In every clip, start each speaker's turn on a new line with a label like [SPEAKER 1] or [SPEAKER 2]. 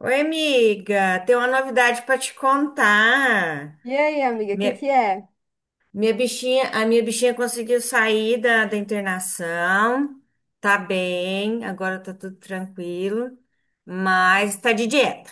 [SPEAKER 1] Oi, amiga, tem uma novidade para te contar.
[SPEAKER 2] E aí, amiga, o que
[SPEAKER 1] Minha,
[SPEAKER 2] que é?
[SPEAKER 1] minha bichinha, a minha bichinha conseguiu sair da internação, tá bem, agora tá tudo tranquilo, mas tá de dieta.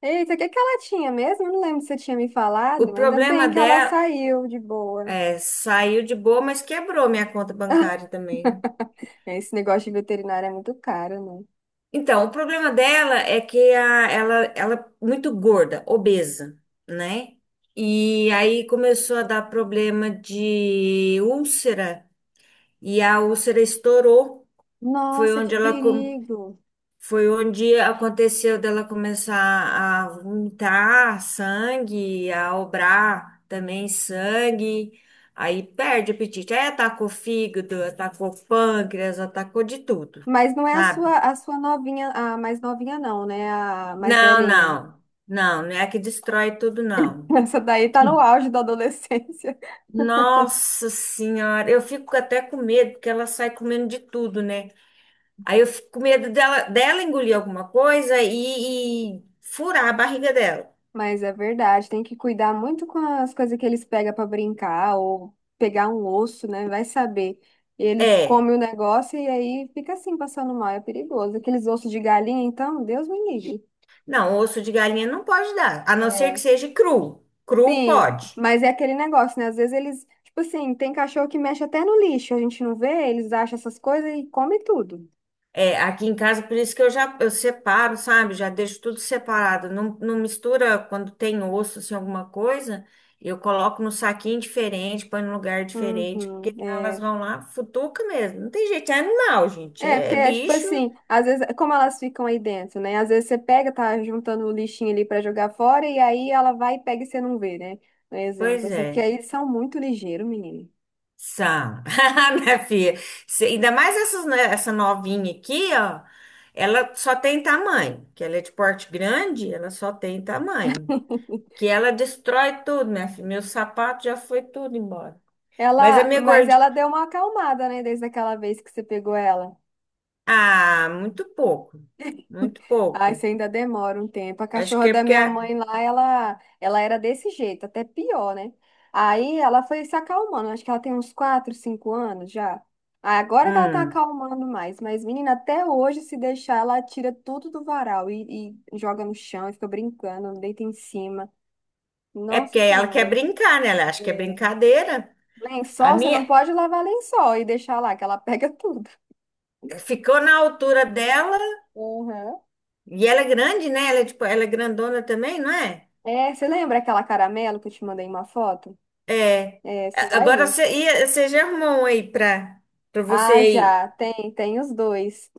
[SPEAKER 2] Eita, o que que ela tinha mesmo? Eu não lembro se você tinha me falado,
[SPEAKER 1] O
[SPEAKER 2] mas ainda
[SPEAKER 1] problema
[SPEAKER 2] bem que ela
[SPEAKER 1] dela
[SPEAKER 2] saiu de boa.
[SPEAKER 1] é, saiu de boa, mas quebrou minha conta bancária também.
[SPEAKER 2] Esse negócio de veterinário é muito caro, né?
[SPEAKER 1] Então, o problema dela é que ela é muito gorda, obesa, né? E aí começou a dar problema de úlcera. E a úlcera estourou. Foi
[SPEAKER 2] Nossa, que
[SPEAKER 1] onde ela com-
[SPEAKER 2] perigo.
[SPEAKER 1] Foi onde aconteceu dela começar a vomitar sangue, a obrar também sangue. Aí perde o apetite. Aí atacou fígado, atacou pâncreas, atacou de tudo,
[SPEAKER 2] Mas não é a
[SPEAKER 1] sabe?
[SPEAKER 2] sua, a sua novinha, a mais novinha não, né? A mais
[SPEAKER 1] Não,
[SPEAKER 2] velhinha.
[SPEAKER 1] não. Não, não é que destrói tudo, não.
[SPEAKER 2] Essa daí tá no auge da adolescência.
[SPEAKER 1] Nossa Senhora, eu fico até com medo, porque ela sai comendo de tudo, né? Aí eu fico com medo dela engolir alguma coisa e furar a barriga dela.
[SPEAKER 2] Mas é verdade, tem que cuidar muito com as coisas que eles pegam para brincar ou pegar um osso, né? Vai saber. E eles
[SPEAKER 1] É.
[SPEAKER 2] comem o negócio e aí fica assim, passando mal, é perigoso. Aqueles ossos de galinha, então, Deus me livre.
[SPEAKER 1] Não, osso de galinha não pode dar, a não ser que
[SPEAKER 2] É,
[SPEAKER 1] seja cru. Cru
[SPEAKER 2] sim,
[SPEAKER 1] pode.
[SPEAKER 2] mas é aquele negócio, né? Às vezes eles, tipo assim, tem cachorro que mexe até no lixo, a gente não vê, eles acham essas coisas e come tudo.
[SPEAKER 1] É, aqui em casa, por isso que eu já eu separo, sabe? Já deixo tudo separado. Não, não mistura quando tem osso, assim, alguma coisa. Eu coloco no saquinho diferente, põe num lugar diferente,
[SPEAKER 2] Uhum,
[SPEAKER 1] porque senão elas
[SPEAKER 2] é.
[SPEAKER 1] vão lá, futuca mesmo. Não tem jeito, é animal, gente.
[SPEAKER 2] É,
[SPEAKER 1] É,
[SPEAKER 2] porque
[SPEAKER 1] é
[SPEAKER 2] é tipo
[SPEAKER 1] bicho.
[SPEAKER 2] assim, às vezes, como elas ficam aí dentro, né? Às vezes você pega, tá juntando o lixinho ali pra jogar fora, e aí ela vai e pega e você não vê, né? Um exemplo,
[SPEAKER 1] Pois
[SPEAKER 2] assim, porque
[SPEAKER 1] é.
[SPEAKER 2] aí eles são muito ligeiros, menino.
[SPEAKER 1] São, minha filha. Ainda mais essas, né, essa novinha aqui, ó. Ela só tem tamanho. Que ela é de porte grande, ela só tem tamanho. Que ela destrói tudo, minha filha. Meu sapato já foi tudo embora. Mas a
[SPEAKER 2] Ela,
[SPEAKER 1] minha
[SPEAKER 2] mas
[SPEAKER 1] gordinha.
[SPEAKER 2] ela deu uma acalmada, né, desde aquela vez que você pegou ela.
[SPEAKER 1] Ah, muito pouco. Muito
[SPEAKER 2] Ai,
[SPEAKER 1] pouco.
[SPEAKER 2] isso ainda demora um tempo. A
[SPEAKER 1] Acho
[SPEAKER 2] cachorra
[SPEAKER 1] que é
[SPEAKER 2] da
[SPEAKER 1] porque.
[SPEAKER 2] minha mãe lá, ela era desse jeito, até pior, né? Aí ela foi se acalmando, acho que ela tem uns 4, 5 anos já. Ah, agora que ela tá
[SPEAKER 1] Hum,
[SPEAKER 2] acalmando mais, mas menina, até hoje, se deixar, ela tira tudo do varal e joga no chão e fica brincando, deita em cima.
[SPEAKER 1] é
[SPEAKER 2] Nossa
[SPEAKER 1] porque ela quer
[SPEAKER 2] Senhora.
[SPEAKER 1] brincar, né? Ela acha que é
[SPEAKER 2] É.
[SPEAKER 1] brincadeira. A
[SPEAKER 2] Lençol, você
[SPEAKER 1] minha
[SPEAKER 2] não pode lavar lençol e deixar lá, que ela pega tudo.
[SPEAKER 1] ficou na altura dela.
[SPEAKER 2] Uhum.
[SPEAKER 1] E ela é grande, né? Ela é, tipo, ela é grandona também, não é?
[SPEAKER 2] É, você lembra aquela caramelo que eu te mandei uma foto?
[SPEAKER 1] É.
[SPEAKER 2] É essa
[SPEAKER 1] Agora
[SPEAKER 2] daí.
[SPEAKER 1] você, você já arrumou um aí pra, pra você
[SPEAKER 2] Ah,
[SPEAKER 1] aí?
[SPEAKER 2] já, tem, tem os dois.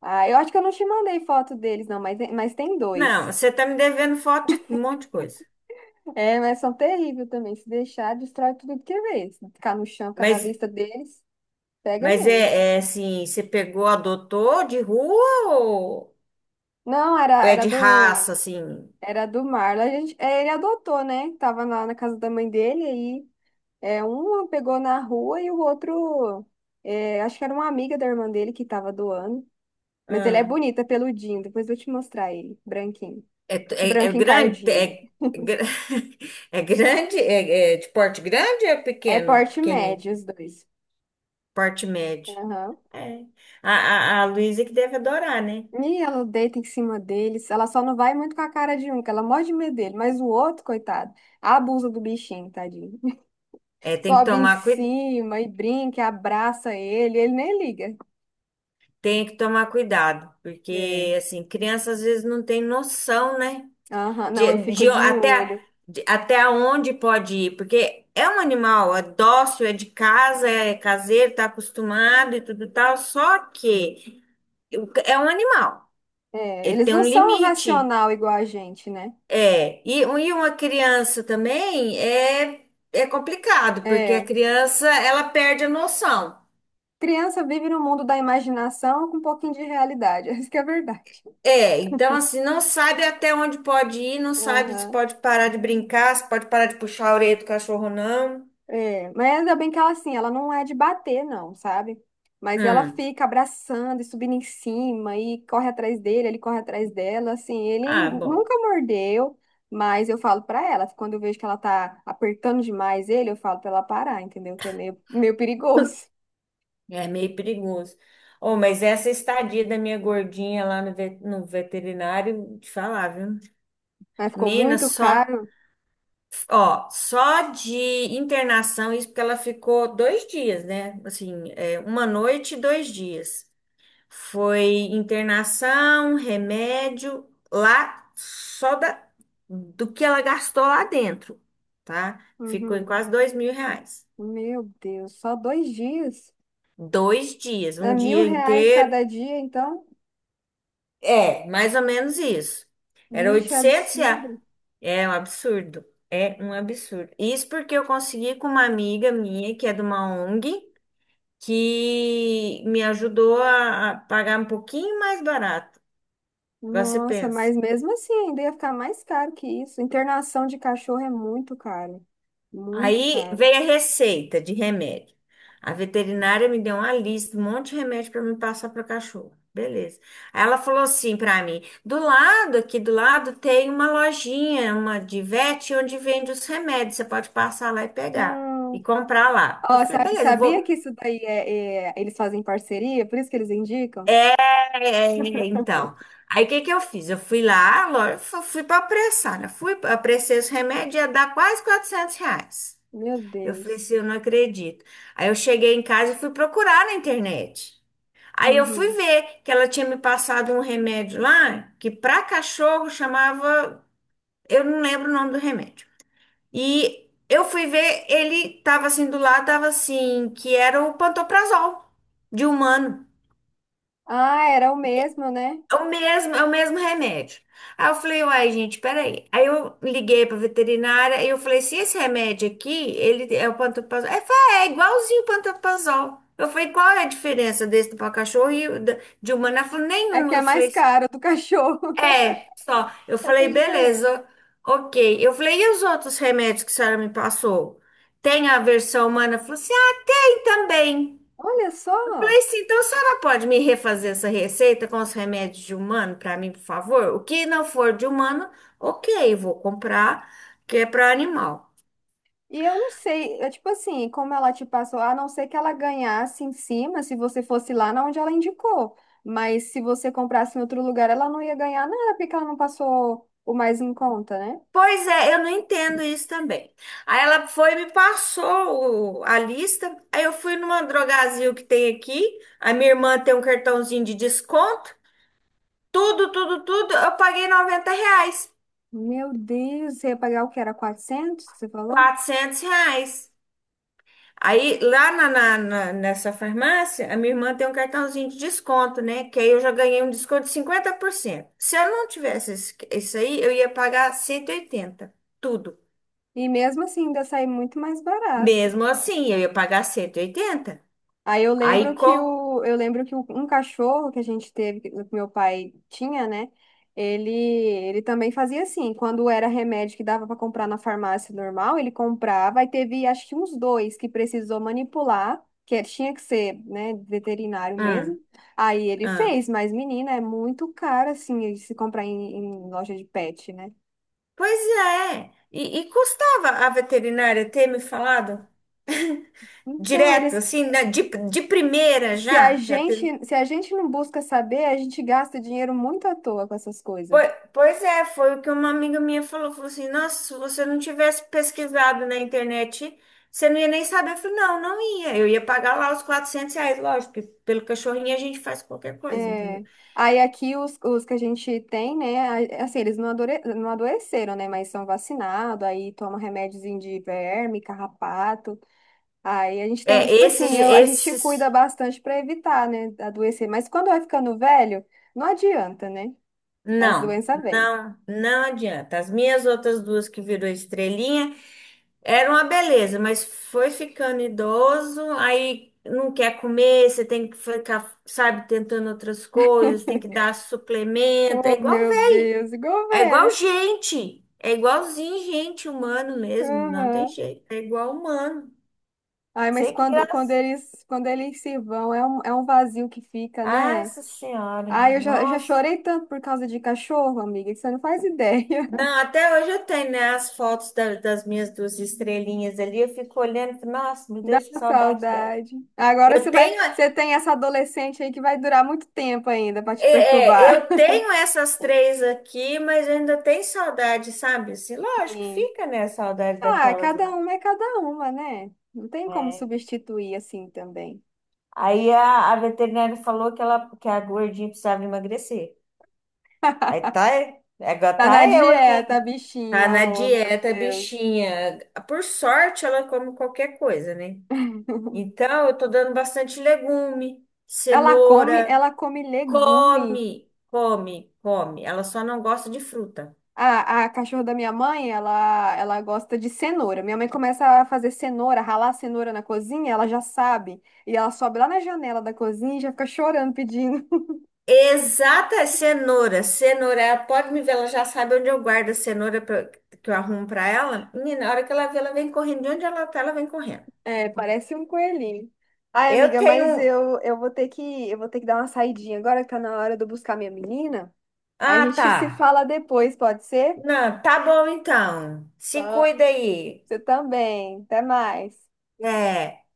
[SPEAKER 2] Ah, eu acho que eu não te mandei foto deles, não, mas tem
[SPEAKER 1] Não,
[SPEAKER 2] dois.
[SPEAKER 1] você tá me devendo foto de um monte de coisa.
[SPEAKER 2] É, mas são terríveis também. Se deixar, destrói tudo que vê. Se ficar no chão, ficar na
[SPEAKER 1] Mas,
[SPEAKER 2] vista deles, pega
[SPEAKER 1] mas
[SPEAKER 2] mesmo.
[SPEAKER 1] é, é assim, você pegou, adotou de rua ou,
[SPEAKER 2] Não, era,
[SPEAKER 1] ou é
[SPEAKER 2] era
[SPEAKER 1] de
[SPEAKER 2] do,
[SPEAKER 1] raça, assim?
[SPEAKER 2] era do Marlon. A gente, é, ele adotou, né? Tava lá na casa da mãe dele, aí é, um pegou na rua e o outro, é, acho que era uma amiga da irmã dele que tava doando. Mas ele é
[SPEAKER 1] Ah,
[SPEAKER 2] bonito, é peludinho. Depois eu vou te mostrar ele, branquinho.
[SPEAKER 1] é, é, é
[SPEAKER 2] Branco
[SPEAKER 1] grande,
[SPEAKER 2] encardido.
[SPEAKER 1] é, é gra- é grande, é, é de porte grande ou é
[SPEAKER 2] É
[SPEAKER 1] pequeno?
[SPEAKER 2] porte
[SPEAKER 1] Pequenininho,
[SPEAKER 2] médio, os dois.
[SPEAKER 1] porte médio.
[SPEAKER 2] Aham.
[SPEAKER 1] É. A Luísa que deve adorar, né?
[SPEAKER 2] E ela deita em cima deles. Ela só não vai muito com a cara de um, que ela morre de medo dele. Mas o outro, coitado, abusa do bichinho, tadinho.
[SPEAKER 1] É, tem que
[SPEAKER 2] Sobe em
[SPEAKER 1] tomar cuidado.
[SPEAKER 2] cima e brinca, e abraça ele. Ele nem liga.
[SPEAKER 1] Tem que tomar cuidado,
[SPEAKER 2] É.
[SPEAKER 1] porque assim, criança às vezes não tem noção, né?
[SPEAKER 2] Aham. Não,
[SPEAKER 1] De,
[SPEAKER 2] eu fico
[SPEAKER 1] de
[SPEAKER 2] de
[SPEAKER 1] até,
[SPEAKER 2] olho.
[SPEAKER 1] Até onde pode ir, porque é um animal, é dócil, é de casa, é caseiro, tá acostumado e tudo tal, só que é um animal,
[SPEAKER 2] É.
[SPEAKER 1] ele
[SPEAKER 2] Eles
[SPEAKER 1] tem
[SPEAKER 2] não
[SPEAKER 1] um
[SPEAKER 2] são um
[SPEAKER 1] limite.
[SPEAKER 2] racional igual a gente, né?
[SPEAKER 1] É, e, e uma criança também é, é complicado, porque a
[SPEAKER 2] É.
[SPEAKER 1] criança, ela perde a noção.
[SPEAKER 2] Criança vive no mundo da imaginação com um pouquinho de realidade. Isso que é verdade.
[SPEAKER 1] É, então assim, não sabe até onde pode ir, não sabe se
[SPEAKER 2] Aham.
[SPEAKER 1] pode parar de brincar, se pode parar de puxar a orelha do cachorro, não.
[SPEAKER 2] É, mas ainda bem que ela assim, ela não é de bater, não, sabe? Mas ela
[SPEAKER 1] Hum.
[SPEAKER 2] fica abraçando e subindo em cima e corre atrás dele, ele corre atrás dela, assim, ele
[SPEAKER 1] Ah, bom,
[SPEAKER 2] nunca mordeu, mas eu falo pra ela, quando eu vejo que ela tá apertando demais ele, eu falo pra ela parar, entendeu? Que é meio perigoso.
[SPEAKER 1] é meio perigoso. Oh, mas essa estadia da minha gordinha lá no, no veterinário, te falar, viu?
[SPEAKER 2] Mas ficou
[SPEAKER 1] Nina,
[SPEAKER 2] muito
[SPEAKER 1] só,
[SPEAKER 2] caro.
[SPEAKER 1] ó, só de internação, isso porque ela ficou 2 dias, né? Assim, é, uma noite e 2 dias. Foi internação, remédio, lá só da, do que ela gastou lá dentro, tá? Ficou em
[SPEAKER 2] Uhum.
[SPEAKER 1] quase R$ 2.000.
[SPEAKER 2] Meu Deus, só 2 dias?
[SPEAKER 1] Dois dias,
[SPEAKER 2] É
[SPEAKER 1] um
[SPEAKER 2] mil
[SPEAKER 1] dia
[SPEAKER 2] reais
[SPEAKER 1] inteiro.
[SPEAKER 2] cada dia, então?
[SPEAKER 1] É, mais ou menos isso. Era
[SPEAKER 2] Gente, é
[SPEAKER 1] R$ 800.
[SPEAKER 2] absurdo.
[SPEAKER 1] É um absurdo. É um absurdo. Isso porque eu consegui com uma amiga minha, que é de uma ONG, que me ajudou a pagar um pouquinho mais barato. Agora você
[SPEAKER 2] Nossa,
[SPEAKER 1] pensa.
[SPEAKER 2] mas mesmo assim ainda ia ficar mais caro que isso. Internação de cachorro é muito caro. Muito
[SPEAKER 1] Aí
[SPEAKER 2] caro.
[SPEAKER 1] veio a receita de remédio. A veterinária me deu uma lista, um monte de remédio para me passar para cachorro. Beleza. Aí ela falou assim para mim: do lado, aqui do lado, tem uma lojinha, uma de vet, onde vende os remédios. Você pode passar lá e pegar e
[SPEAKER 2] Não.
[SPEAKER 1] comprar lá. Eu
[SPEAKER 2] Ó,
[SPEAKER 1] falei: beleza, eu
[SPEAKER 2] sabia
[SPEAKER 1] vou.
[SPEAKER 2] que isso daí eles fazem parceria? Por isso que eles indicam?
[SPEAKER 1] Então, aí o que que eu fiz? Eu fui lá, fui para apressar, né? Fui, apressei os remédios, ia dar quase R$ 400.
[SPEAKER 2] Meu
[SPEAKER 1] Eu falei
[SPEAKER 2] Deus.
[SPEAKER 1] assim, eu não acredito. Aí eu cheguei em casa e fui procurar na internet. Aí eu fui
[SPEAKER 2] Uhum.
[SPEAKER 1] ver que ela tinha me passado um remédio lá, que para cachorro chamava, eu não lembro o nome do remédio. E eu fui ver, ele tava assim do lado, tava assim, que era o pantoprazol de humano.
[SPEAKER 2] Ah, era o mesmo, né?
[SPEAKER 1] É o mesmo remédio. Aí eu falei, uai, gente, peraí. Aí eu liguei pra veterinária e eu falei, se esse remédio aqui, ele é o pantoprazol. Ela falou, é é igualzinho o pantoprazol. Eu falei, qual é a diferença desse para cachorro e de humano? Ela falou,
[SPEAKER 2] É
[SPEAKER 1] nenhum.
[SPEAKER 2] que é
[SPEAKER 1] Eu
[SPEAKER 2] mais
[SPEAKER 1] falei,
[SPEAKER 2] caro do cachorro.
[SPEAKER 1] é, só. Eu
[SPEAKER 2] Essa é a
[SPEAKER 1] falei,
[SPEAKER 2] diferença.
[SPEAKER 1] beleza, ok. Eu falei, e os outros remédios que a senhora me passou? Tem a versão humana? Ela falou assim, ah, tem também.
[SPEAKER 2] Olha
[SPEAKER 1] Falei
[SPEAKER 2] só!
[SPEAKER 1] assim, então a senhora pode me refazer essa receita com os remédios de humano para mim, por favor? O que não for de humano, ok, vou comprar, que é para animal.
[SPEAKER 2] E eu não sei, é tipo assim, como ela te passou, a não ser que ela ganhasse em cima, se você fosse lá na onde ela indicou. Mas se você comprasse em outro lugar, ela não ia ganhar nada, porque ela não passou o mais em conta, né?
[SPEAKER 1] Pois é, eu não entendo isso também. Aí ela foi e me passou a lista. Aí eu fui numa drogazil que tem aqui. A minha irmã tem um cartãozinho de desconto. Tudo, tudo, tudo. Eu paguei R$ 90,
[SPEAKER 2] Meu Deus, você ia pagar o que era 400 você falou?
[SPEAKER 1] 400 reais. Aí, lá nessa farmácia, a minha irmã tem um cartãozinho de desconto, né? Que aí eu já ganhei um desconto de 50%. Se eu não tivesse isso aí, eu ia pagar 180. Tudo.
[SPEAKER 2] E mesmo assim, ainda sai muito mais barato.
[SPEAKER 1] Mesmo assim, eu ia pagar 180.
[SPEAKER 2] Aí eu lembro
[SPEAKER 1] Aí,
[SPEAKER 2] que
[SPEAKER 1] co...
[SPEAKER 2] o, eu lembro que o- um cachorro que a gente teve, que meu pai tinha, né? Ele também fazia assim, quando era remédio que dava para comprar na farmácia normal, ele comprava e teve acho que uns dois que precisou manipular, que é, tinha que ser, né, veterinário
[SPEAKER 1] Hum,
[SPEAKER 2] mesmo. Aí ele
[SPEAKER 1] hum.
[SPEAKER 2] fez, mas menina, é muito caro assim se comprar em loja de pet, né?
[SPEAKER 1] Pois é. E custava a veterinária ter me falado
[SPEAKER 2] Então
[SPEAKER 1] direto,
[SPEAKER 2] eles,
[SPEAKER 1] assim, de primeira
[SPEAKER 2] se a
[SPEAKER 1] já, já teve.
[SPEAKER 2] gente, se a gente não busca saber, a gente gasta dinheiro muito à toa com essas coisas.
[SPEAKER 1] Pois é, foi o que uma amiga minha falou. Falou assim: Nossa, se você não tivesse pesquisado na internet, você não ia nem saber. Eu falei: Não, não ia. Eu ia pagar lá os R$ 400, lógico, porque pelo cachorrinho a gente faz qualquer coisa, entendeu?
[SPEAKER 2] É. Aí aqui os que a gente tem, né? Assim, eles não, não adoeceram, né? Mas são vacinados, aí toma remédiozinho de verme, carrapato. Aí a gente tem,
[SPEAKER 1] É,
[SPEAKER 2] tipo
[SPEAKER 1] esses,
[SPEAKER 2] assim, eu, a gente
[SPEAKER 1] esses.
[SPEAKER 2] cuida bastante para evitar, né? Adoecer. Mas quando vai ficando velho, não adianta, né? As
[SPEAKER 1] Não,
[SPEAKER 2] doenças vêm.
[SPEAKER 1] não, não adianta. As minhas outras duas que virou estrelinha eram uma beleza, mas foi ficando idoso, aí não quer comer, você tem que ficar, sabe, tentando outras coisas, tem que dar suplemento. É
[SPEAKER 2] Oh,
[SPEAKER 1] igual
[SPEAKER 2] meu
[SPEAKER 1] velho,
[SPEAKER 2] Deus, igual
[SPEAKER 1] é igual
[SPEAKER 2] velho.
[SPEAKER 1] gente, é igualzinho gente humano mesmo, não tem
[SPEAKER 2] Aham.
[SPEAKER 1] jeito, é igual humano.
[SPEAKER 2] Ai, mas
[SPEAKER 1] Sei que
[SPEAKER 2] quando
[SPEAKER 1] graça.
[SPEAKER 2] eles, quando eles se vão, é um vazio que fica, né?
[SPEAKER 1] Nossa Senhora,
[SPEAKER 2] Ai, eu já
[SPEAKER 1] nossa.
[SPEAKER 2] chorei tanto por causa de cachorro, amiga, que você não faz ideia.
[SPEAKER 1] Não, até hoje eu tenho, né, as fotos das minhas duas estrelinhas ali. Eu fico olhando, e falo, nossa, meu
[SPEAKER 2] Dá
[SPEAKER 1] Deus, que
[SPEAKER 2] uma
[SPEAKER 1] saudade dela.
[SPEAKER 2] saudade. Agora
[SPEAKER 1] Eu
[SPEAKER 2] você vai,
[SPEAKER 1] tenho,
[SPEAKER 2] você tem essa adolescente aí que vai durar muito tempo ainda pra te perturbar.
[SPEAKER 1] eu tenho essas três aqui, mas eu ainda tenho saudade, sabe? Assim, lógico,
[SPEAKER 2] Sim.
[SPEAKER 1] fica, né, a saudade
[SPEAKER 2] Ah,
[SPEAKER 1] daquelas
[SPEAKER 2] cada
[SPEAKER 1] lá.
[SPEAKER 2] uma é cada uma, né? Não tem como
[SPEAKER 1] É.
[SPEAKER 2] substituir assim também.
[SPEAKER 1] Aí a veterinária falou que ela, que a gordinha precisava emagrecer. Aí tá, é, agora
[SPEAKER 2] Tá na
[SPEAKER 1] tá eu aqui.
[SPEAKER 2] dieta, bichinho,
[SPEAKER 1] Tá na
[SPEAKER 2] oh, meu
[SPEAKER 1] dieta,
[SPEAKER 2] Deus.
[SPEAKER 1] bichinha. Por sorte, ela come qualquer coisa, né? Então, eu tô dando bastante legume, cenoura,
[SPEAKER 2] Ela come legume.
[SPEAKER 1] come, come, come. Ela só não gosta de fruta.
[SPEAKER 2] A cachorra da minha mãe, ela gosta de cenoura. Minha mãe começa a fazer cenoura, ralar cenoura na cozinha, ela já sabe. E ela sobe lá na janela da cozinha e já fica chorando, pedindo.
[SPEAKER 1] Exata cenoura, cenoura, ela pode me ver, ela já sabe onde eu guardo a cenoura que eu arrumo pra ela. Menina, na hora que ela vê, ela vem correndo, de onde ela tá, ela vem correndo.
[SPEAKER 2] É, parece um coelhinho. Ai,
[SPEAKER 1] Eu
[SPEAKER 2] amiga, mas
[SPEAKER 1] tenho. Um,
[SPEAKER 2] eu vou ter que, eu vou ter que dar uma saidinha agora, que tá na hora de eu buscar minha menina. A
[SPEAKER 1] ah,
[SPEAKER 2] gente
[SPEAKER 1] tá.
[SPEAKER 2] se fala depois, pode ser?
[SPEAKER 1] Não, tá bom então. Se
[SPEAKER 2] Tá.
[SPEAKER 1] cuida aí.
[SPEAKER 2] Você também. Até mais.
[SPEAKER 1] É.